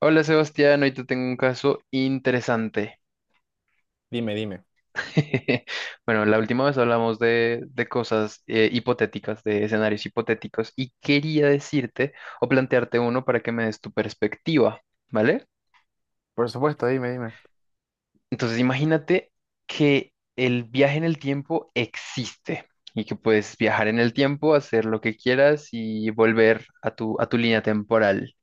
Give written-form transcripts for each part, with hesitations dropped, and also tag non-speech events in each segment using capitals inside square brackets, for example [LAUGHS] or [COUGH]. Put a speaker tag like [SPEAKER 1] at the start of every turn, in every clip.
[SPEAKER 1] Hola Sebastián, hoy te tengo un caso interesante.
[SPEAKER 2] Dime, dime.
[SPEAKER 1] [LAUGHS] Bueno, la última vez hablamos de cosas hipotéticas, de escenarios hipotéticos, y quería decirte o plantearte uno para que me des tu perspectiva, ¿vale?
[SPEAKER 2] Por supuesto, dime, dime.
[SPEAKER 1] Entonces imagínate que el viaje en el tiempo existe y que puedes viajar en el tiempo, hacer lo que quieras y volver a tu línea temporal.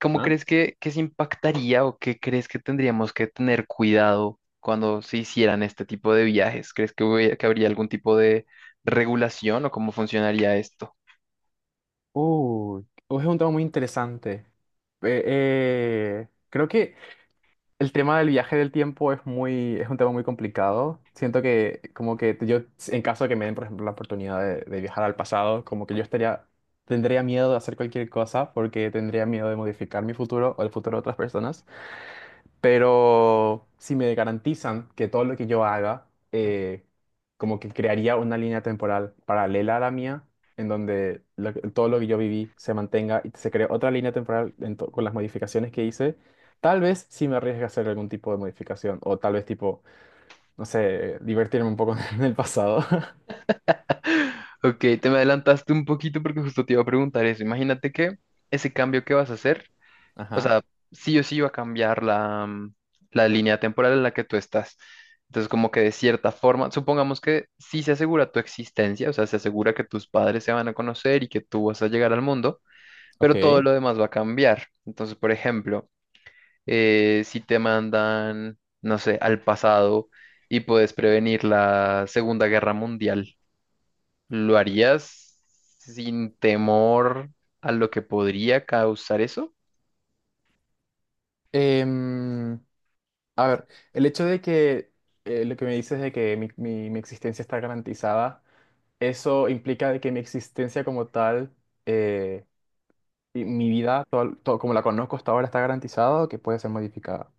[SPEAKER 1] ¿Cómo
[SPEAKER 2] ¿Ah?
[SPEAKER 1] crees que se impactaría o qué crees que tendríamos que tener cuidado cuando se hicieran este tipo de viajes? ¿Crees que habría algún tipo de regulación o cómo funcionaría esto?
[SPEAKER 2] Uh, es un tema muy interesante. Creo que el tema del viaje del tiempo es un tema muy complicado. Siento que como que yo, en caso de que me den, por ejemplo, la oportunidad de viajar al pasado, como que yo estaría, tendría miedo de hacer cualquier cosa porque tendría miedo de modificar mi futuro o el futuro de otras personas. Pero si me garantizan que todo lo que yo haga, como que crearía una línea temporal paralela a la mía, en donde todo lo que yo viví se mantenga y se cree otra línea temporal con las modificaciones que hice, tal vez sí me arriesgue a hacer algún tipo de modificación, o tal vez tipo, no sé, divertirme un poco [LAUGHS] en el pasado. [LAUGHS]
[SPEAKER 1] Ok, te me adelantaste un poquito porque justo te iba a preguntar eso. Imagínate que ese cambio que vas a hacer, o
[SPEAKER 2] Ajá,
[SPEAKER 1] sea, sí o sí va a cambiar la línea temporal en la que tú estás. Entonces, como que de cierta forma, supongamos que sí se asegura tu existencia, o sea, se asegura que tus padres se van a conocer y que tú vas a llegar al mundo, pero todo
[SPEAKER 2] ok.
[SPEAKER 1] lo demás va a cambiar. Entonces, por ejemplo, si te mandan, no sé, al pasado y puedes prevenir la Segunda Guerra Mundial, ¿lo harías sin temor a lo que podría causar eso?
[SPEAKER 2] Em, a ver, el hecho de que lo que me dices de que mi existencia está garantizada. Eso implica de que mi existencia como tal, eh, y mi vida, todo como la conozco hasta ahora, está garantizado que puede ser modificada.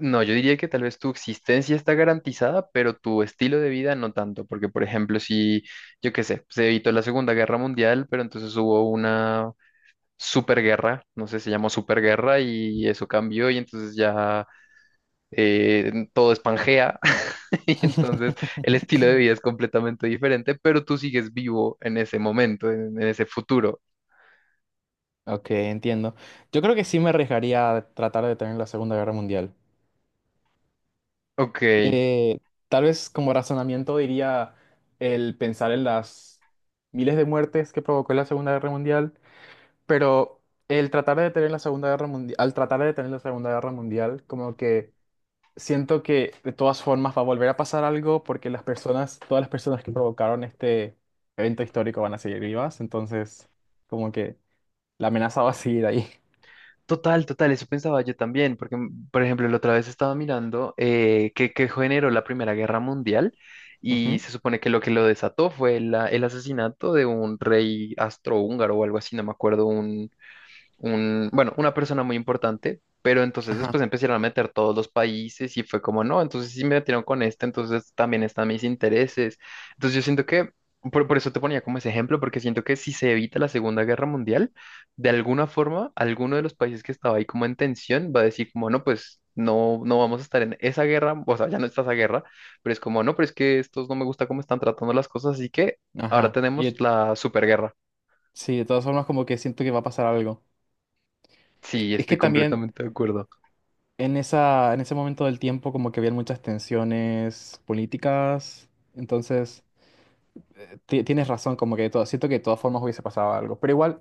[SPEAKER 1] No, yo diría que tal vez tu existencia está garantizada, pero tu estilo de vida no tanto, porque por ejemplo, si, yo qué sé, se evitó la Segunda Guerra Mundial, pero entonces hubo una superguerra, no sé, se llamó superguerra y eso cambió y entonces ya, todo es Pangea [LAUGHS] y entonces el estilo de
[SPEAKER 2] [LAUGHS]
[SPEAKER 1] vida es completamente diferente, pero tú sigues vivo en ese momento, en ese futuro.
[SPEAKER 2] Ok, entiendo. Yo creo que sí me arriesgaría a tratar de tener la Segunda Guerra Mundial.
[SPEAKER 1] Ok,
[SPEAKER 2] Eh, Tal vez como razonamiento diría el pensar en las miles de muertes que provocó la Segunda Guerra Mundial, pero el tratar de detener la Segunda Guerra Mundial, al tratar de detener la Segunda Guerra Mundial, como que siento que de todas formas va a volver a pasar algo porque las personas, todas las personas que provocaron este evento histórico van a seguir vivas, entonces como que la amenaza va a seguir ahí.
[SPEAKER 1] total, total, eso pensaba yo también, porque por ejemplo la otra vez estaba mirando que generó la Primera Guerra Mundial y
[SPEAKER 2] Ujú,
[SPEAKER 1] se supone que lo desató fue el asesinato de un rey astrohúngaro o algo así, no me acuerdo, bueno, una persona muy importante, pero entonces
[SPEAKER 2] ajá,
[SPEAKER 1] después empezaron a meter todos los países y fue como, no, entonces sí me metieron con este, entonces también están mis intereses. Entonces yo siento que, por eso te ponía como ese ejemplo, porque siento que si se evita la Segunda Guerra Mundial, de alguna forma, alguno de los países que estaba ahí como en tensión va a decir como, no, pues. No, no vamos a estar en esa guerra, o sea, ya no está esa guerra, pero es como, no, pero es que estos no me gusta cómo están tratando las cosas, así que ahora
[SPEAKER 2] ajá.
[SPEAKER 1] tenemos la superguerra.
[SPEAKER 2] Sí, de todas formas como que siento que va a pasar algo.
[SPEAKER 1] Sí,
[SPEAKER 2] Que es
[SPEAKER 1] estoy
[SPEAKER 2] que también
[SPEAKER 1] completamente de acuerdo.
[SPEAKER 2] en en ese momento del tiempo como que habían muchas tensiones políticas, entonces tienes razón, como que siento que de todas formas hubiese pasado algo, pero igual...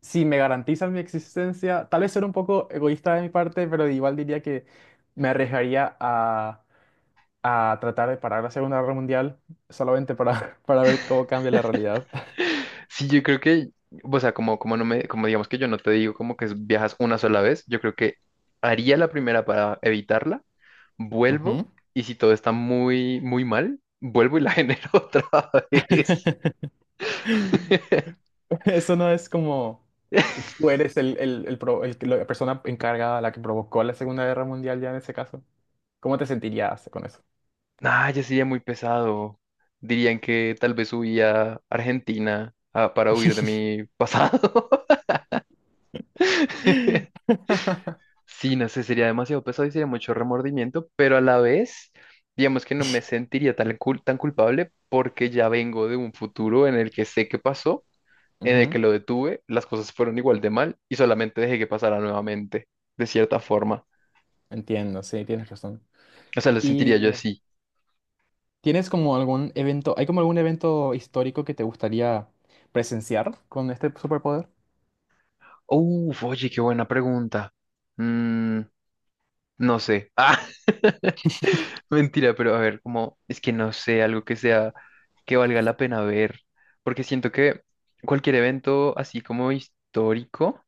[SPEAKER 2] Si me garantizan mi existencia, tal vez ser un poco egoísta de mi parte, pero igual diría que me arriesgaría a tratar de parar la Segunda Guerra Mundial solamente para, [LAUGHS] para ver cómo cambia la realidad.
[SPEAKER 1] Sí, yo creo que, o sea, como digamos que yo no te digo como que viajas una sola vez, yo creo que haría la primera para evitarla,
[SPEAKER 2] [LAUGHS]
[SPEAKER 1] vuelvo
[SPEAKER 2] Ujú.
[SPEAKER 1] y si todo está muy, muy mal, vuelvo y la [LAUGHS] genero otra vez.
[SPEAKER 2] [LAUGHS]
[SPEAKER 1] [LAUGHS]
[SPEAKER 2] Eso no es como tú eres el, la persona encargada, la que provocó la Segunda Guerra Mundial ya en ese caso. ¿Cómo te sentirías con eso?
[SPEAKER 1] Nah, ya sería muy pesado. Dirían que tal vez huía a Argentina para huir de mi pasado. [LAUGHS]
[SPEAKER 2] [LAUGHS]
[SPEAKER 1] Sí, no sé, sería demasiado pesado y sería mucho remordimiento, pero a la vez, digamos que no me sentiría tan culpable porque ya vengo de un futuro en el que sé qué pasó, en el
[SPEAKER 2] Ujú.
[SPEAKER 1] que lo detuve, las cosas fueron igual de mal y solamente dejé que pasara nuevamente, de cierta forma.
[SPEAKER 2] Entiendo, sí, tienes razón.
[SPEAKER 1] O sea, lo sentiría yo así.
[SPEAKER 2] ¿Tienes como algún evento, hay como algún evento histórico que te gustaría presenciar con este superpoder?
[SPEAKER 1] Uf, oye, qué buena pregunta. Mm, No sé. Ah, [LAUGHS] mentira, pero a ver, como es que no sé, algo que sea, que valga la pena ver, porque siento que cualquier evento así como histórico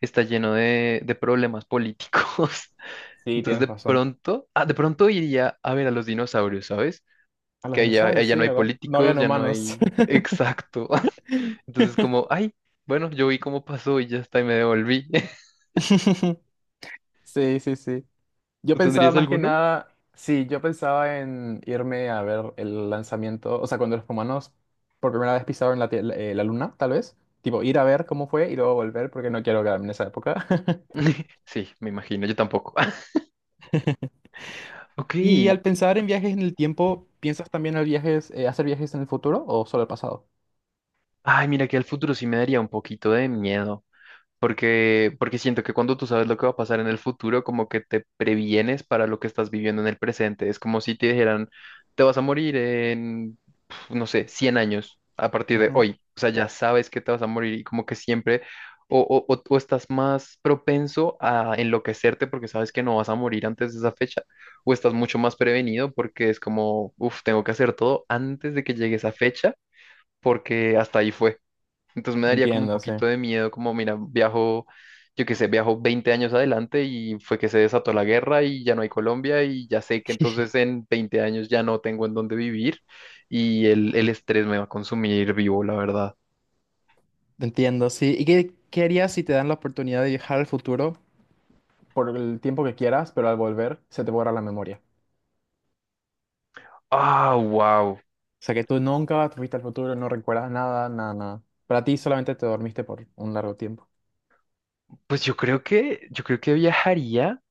[SPEAKER 1] está lleno de problemas políticos. [LAUGHS]
[SPEAKER 2] Sí,
[SPEAKER 1] Entonces
[SPEAKER 2] tienes
[SPEAKER 1] de
[SPEAKER 2] razón.
[SPEAKER 1] pronto, de pronto iría a ver a los dinosaurios, ¿sabes?
[SPEAKER 2] A los
[SPEAKER 1] Que ahí ya,
[SPEAKER 2] dinosaurios,
[SPEAKER 1] ahí ya
[SPEAKER 2] sí,
[SPEAKER 1] no hay
[SPEAKER 2] ¿verdad? No
[SPEAKER 1] políticos,
[SPEAKER 2] habían
[SPEAKER 1] ya no
[SPEAKER 2] humanos.
[SPEAKER 1] hay. Exacto. [LAUGHS] Entonces como, ay, bueno, yo vi cómo pasó y ya está y me devolví. [LAUGHS]
[SPEAKER 2] [LAUGHS] Sí, sí, sí. Yo
[SPEAKER 1] ¿Tú
[SPEAKER 2] pensaba
[SPEAKER 1] tendrías
[SPEAKER 2] más que
[SPEAKER 1] alguno?
[SPEAKER 2] nada, sí, yo pensaba en irme a ver el lanzamiento, o sea, cuando los humanos por primera vez pisaron la, tie- la la luna, tal vez. Tipo, ir a ver cómo fue y luego volver porque no quiero quedarme en esa época. [LAUGHS]
[SPEAKER 1] [LAUGHS] Sí, me imagino, yo tampoco. [LAUGHS] Ok,
[SPEAKER 2] Y al pensar en viajes en el tiempo, ¿piensas también en viajes, hacer viajes en el futuro o solo el pasado?
[SPEAKER 1] ay, mira que el futuro sí me daría un poquito de miedo, porque siento que cuando tú sabes lo que va a pasar en el futuro, como que te previenes para lo que estás viviendo en el presente. Es como si te dijeran, te vas a morir en, no sé, 100 años a partir de hoy. O sea, ya sabes que te vas a morir y como que siempre o estás más propenso a enloquecerte porque sabes que no vas a morir antes de esa fecha, o estás mucho más prevenido porque es como, uff, tengo que hacer todo antes de que llegue esa fecha porque hasta ahí fue. Entonces me daría como un
[SPEAKER 2] Entiendo, sí.
[SPEAKER 1] poquito de miedo, como mira, viajo, yo qué sé, viajo 20 años adelante y fue que se desató la guerra y ya no hay Colombia y ya sé que entonces en 20 años ya no tengo en dónde vivir y el estrés me va a consumir vivo, la verdad.
[SPEAKER 2] Entiendo, sí. ¿Y qué, qué harías si te dan la oportunidad de viajar al futuro? Por el tiempo que quieras, pero al volver se te borra la memoria.
[SPEAKER 1] Ah, wow.
[SPEAKER 2] O sea que tú nunca fuiste al futuro, no recuerdas nada, nada, nada. Para ti solamente te dormiste por un largo tiempo.
[SPEAKER 1] Pues yo creo que viajaría.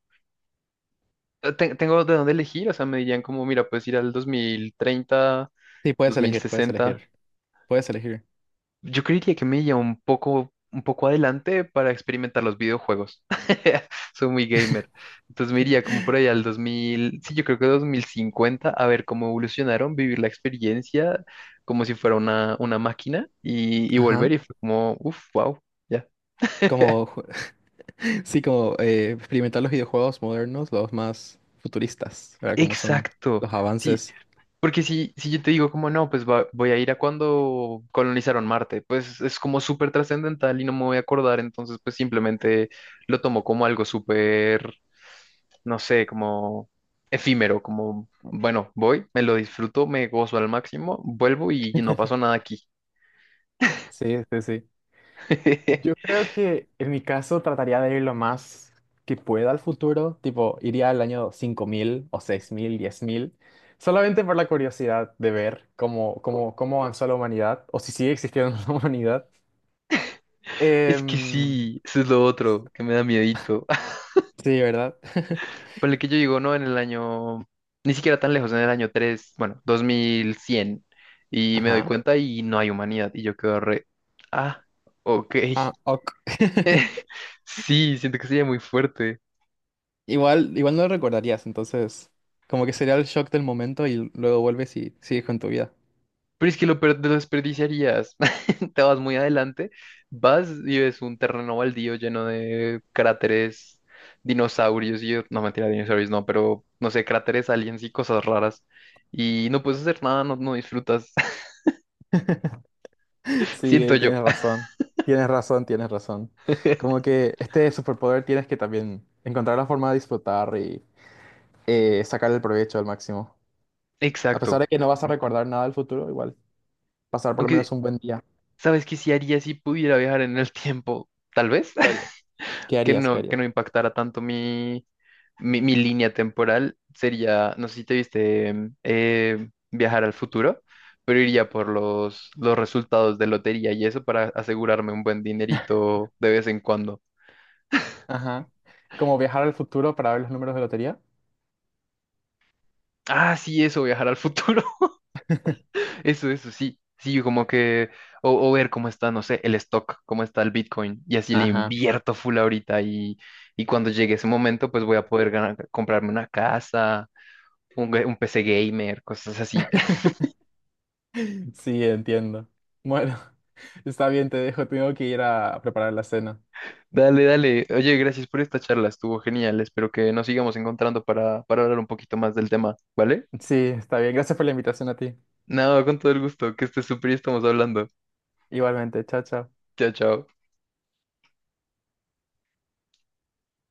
[SPEAKER 1] Tengo de dónde elegir, o sea, me dirían como, mira, puedes ir al 2030,
[SPEAKER 2] Sí, puedes elegir, puedes
[SPEAKER 1] 2060.
[SPEAKER 2] elegir. Puedes elegir.
[SPEAKER 1] Yo creería que me lleva un poco adelante para experimentar los videojuegos. [LAUGHS] Soy muy gamer. Entonces me iría como por allá al 2000, sí, yo creo que 2050, a ver cómo evolucionaron, vivir la experiencia como si fuera una máquina y
[SPEAKER 2] Ajá.
[SPEAKER 1] volver y fue como, uff, wow, ya.
[SPEAKER 2] Como, [LAUGHS] sí, como experimentar los videojuegos modernos, los más futuristas, ¿verdad? Como son
[SPEAKER 1] Exacto.
[SPEAKER 2] los
[SPEAKER 1] Sí,
[SPEAKER 2] avances.
[SPEAKER 1] porque si yo te digo como no, pues voy a ir a cuando colonizaron Marte, pues es como súper trascendental y no me voy a acordar, entonces pues simplemente lo tomo como algo súper, no sé, como efímero, como, bueno, voy, me lo disfruto, me gozo al máximo, vuelvo y no pasó nada aquí.
[SPEAKER 2] Sí, sí, sí. Yo
[SPEAKER 1] [LAUGHS]
[SPEAKER 2] creo que en mi caso trataría de ir lo más que pueda al futuro, tipo iría al año 5000 o 6000, 10.000, solamente por la curiosidad de ver cómo, cómo, cómo avanzó la humanidad o si sigue existiendo [LAUGHS] la humanidad.
[SPEAKER 1] Es que
[SPEAKER 2] Em,
[SPEAKER 1] sí, eso es lo otro que me da miedito.
[SPEAKER 2] sí, ¿verdad? [LAUGHS]
[SPEAKER 1] Ponle que yo digo, ¿no? En el año, ni siquiera tan lejos, en el año 3 bueno, 2100 y me doy
[SPEAKER 2] Ajá.
[SPEAKER 1] cuenta y no hay humanidad, y yo quedo re, ah, ok,
[SPEAKER 2] Ah,
[SPEAKER 1] [LAUGHS]
[SPEAKER 2] ok. [LAUGHS]
[SPEAKER 1] sí, siento que sería muy fuerte,
[SPEAKER 2] Igual, igual no lo recordarías, entonces como que sería el shock del momento y luego vuelves y sigues con tu vida.
[SPEAKER 1] pero es que lo desperdiciarías, [LAUGHS] te vas muy adelante, vas y ves un terreno baldío lleno de cráteres, dinosaurios, y yo, no, mentira, dinosaurios no, pero, no sé, cráteres, aliens y cosas raras, y no puedes hacer nada, no, no disfrutas, [LAUGHS]
[SPEAKER 2] Sí,
[SPEAKER 1] siento
[SPEAKER 2] ahí
[SPEAKER 1] yo.
[SPEAKER 2] tienes razón. Tienes razón, tienes razón.
[SPEAKER 1] [LAUGHS]
[SPEAKER 2] Como que este superpoder tienes que también encontrar la forma de disfrutar y sacar el provecho al máximo. A pesar
[SPEAKER 1] Exacto.
[SPEAKER 2] de que no vas a recordar nada del futuro, igual pasar por lo menos
[SPEAKER 1] Aunque,
[SPEAKER 2] un buen día.
[SPEAKER 1] ¿sabes qué sí haría si pudiera viajar en el tiempo? Tal vez,
[SPEAKER 2] ¿Qué harías?
[SPEAKER 1] [LAUGHS]
[SPEAKER 2] ¿Qué harías? ¿Qué
[SPEAKER 1] que
[SPEAKER 2] harías?
[SPEAKER 1] no impactara tanto mi, línea temporal. Sería, no sé si te viste viajar al futuro, pero iría por los resultados de lotería y eso para asegurarme un buen dinerito de vez en cuando.
[SPEAKER 2] Ajá. Como viajar al futuro para ver los números de lotería.
[SPEAKER 1] Ah, sí, eso, viajar al futuro. Eso, sí. Sí, como que, o ver cómo está, no sé, el stock, cómo está el Bitcoin, y así le
[SPEAKER 2] Ajá.
[SPEAKER 1] invierto full ahorita y cuando llegue ese momento, pues voy a poder comprarme una casa, un PC gamer, cosas así. [LAUGHS]
[SPEAKER 2] [LAUGHS] Sí, entiendo. Bueno, [LAUGHS] está bien, te dejo. Tengo que ir a preparar la cena.
[SPEAKER 1] Dale, dale. Oye, gracias por esta charla, estuvo genial. Espero que nos sigamos encontrando para hablar un poquito más del tema, ¿vale?
[SPEAKER 2] Sí, está bien. Gracias por la invitación a ti.
[SPEAKER 1] No, con todo el gusto, que estés súper y estamos hablando.
[SPEAKER 2] Igualmente, chao, chao.
[SPEAKER 1] Chao, chao.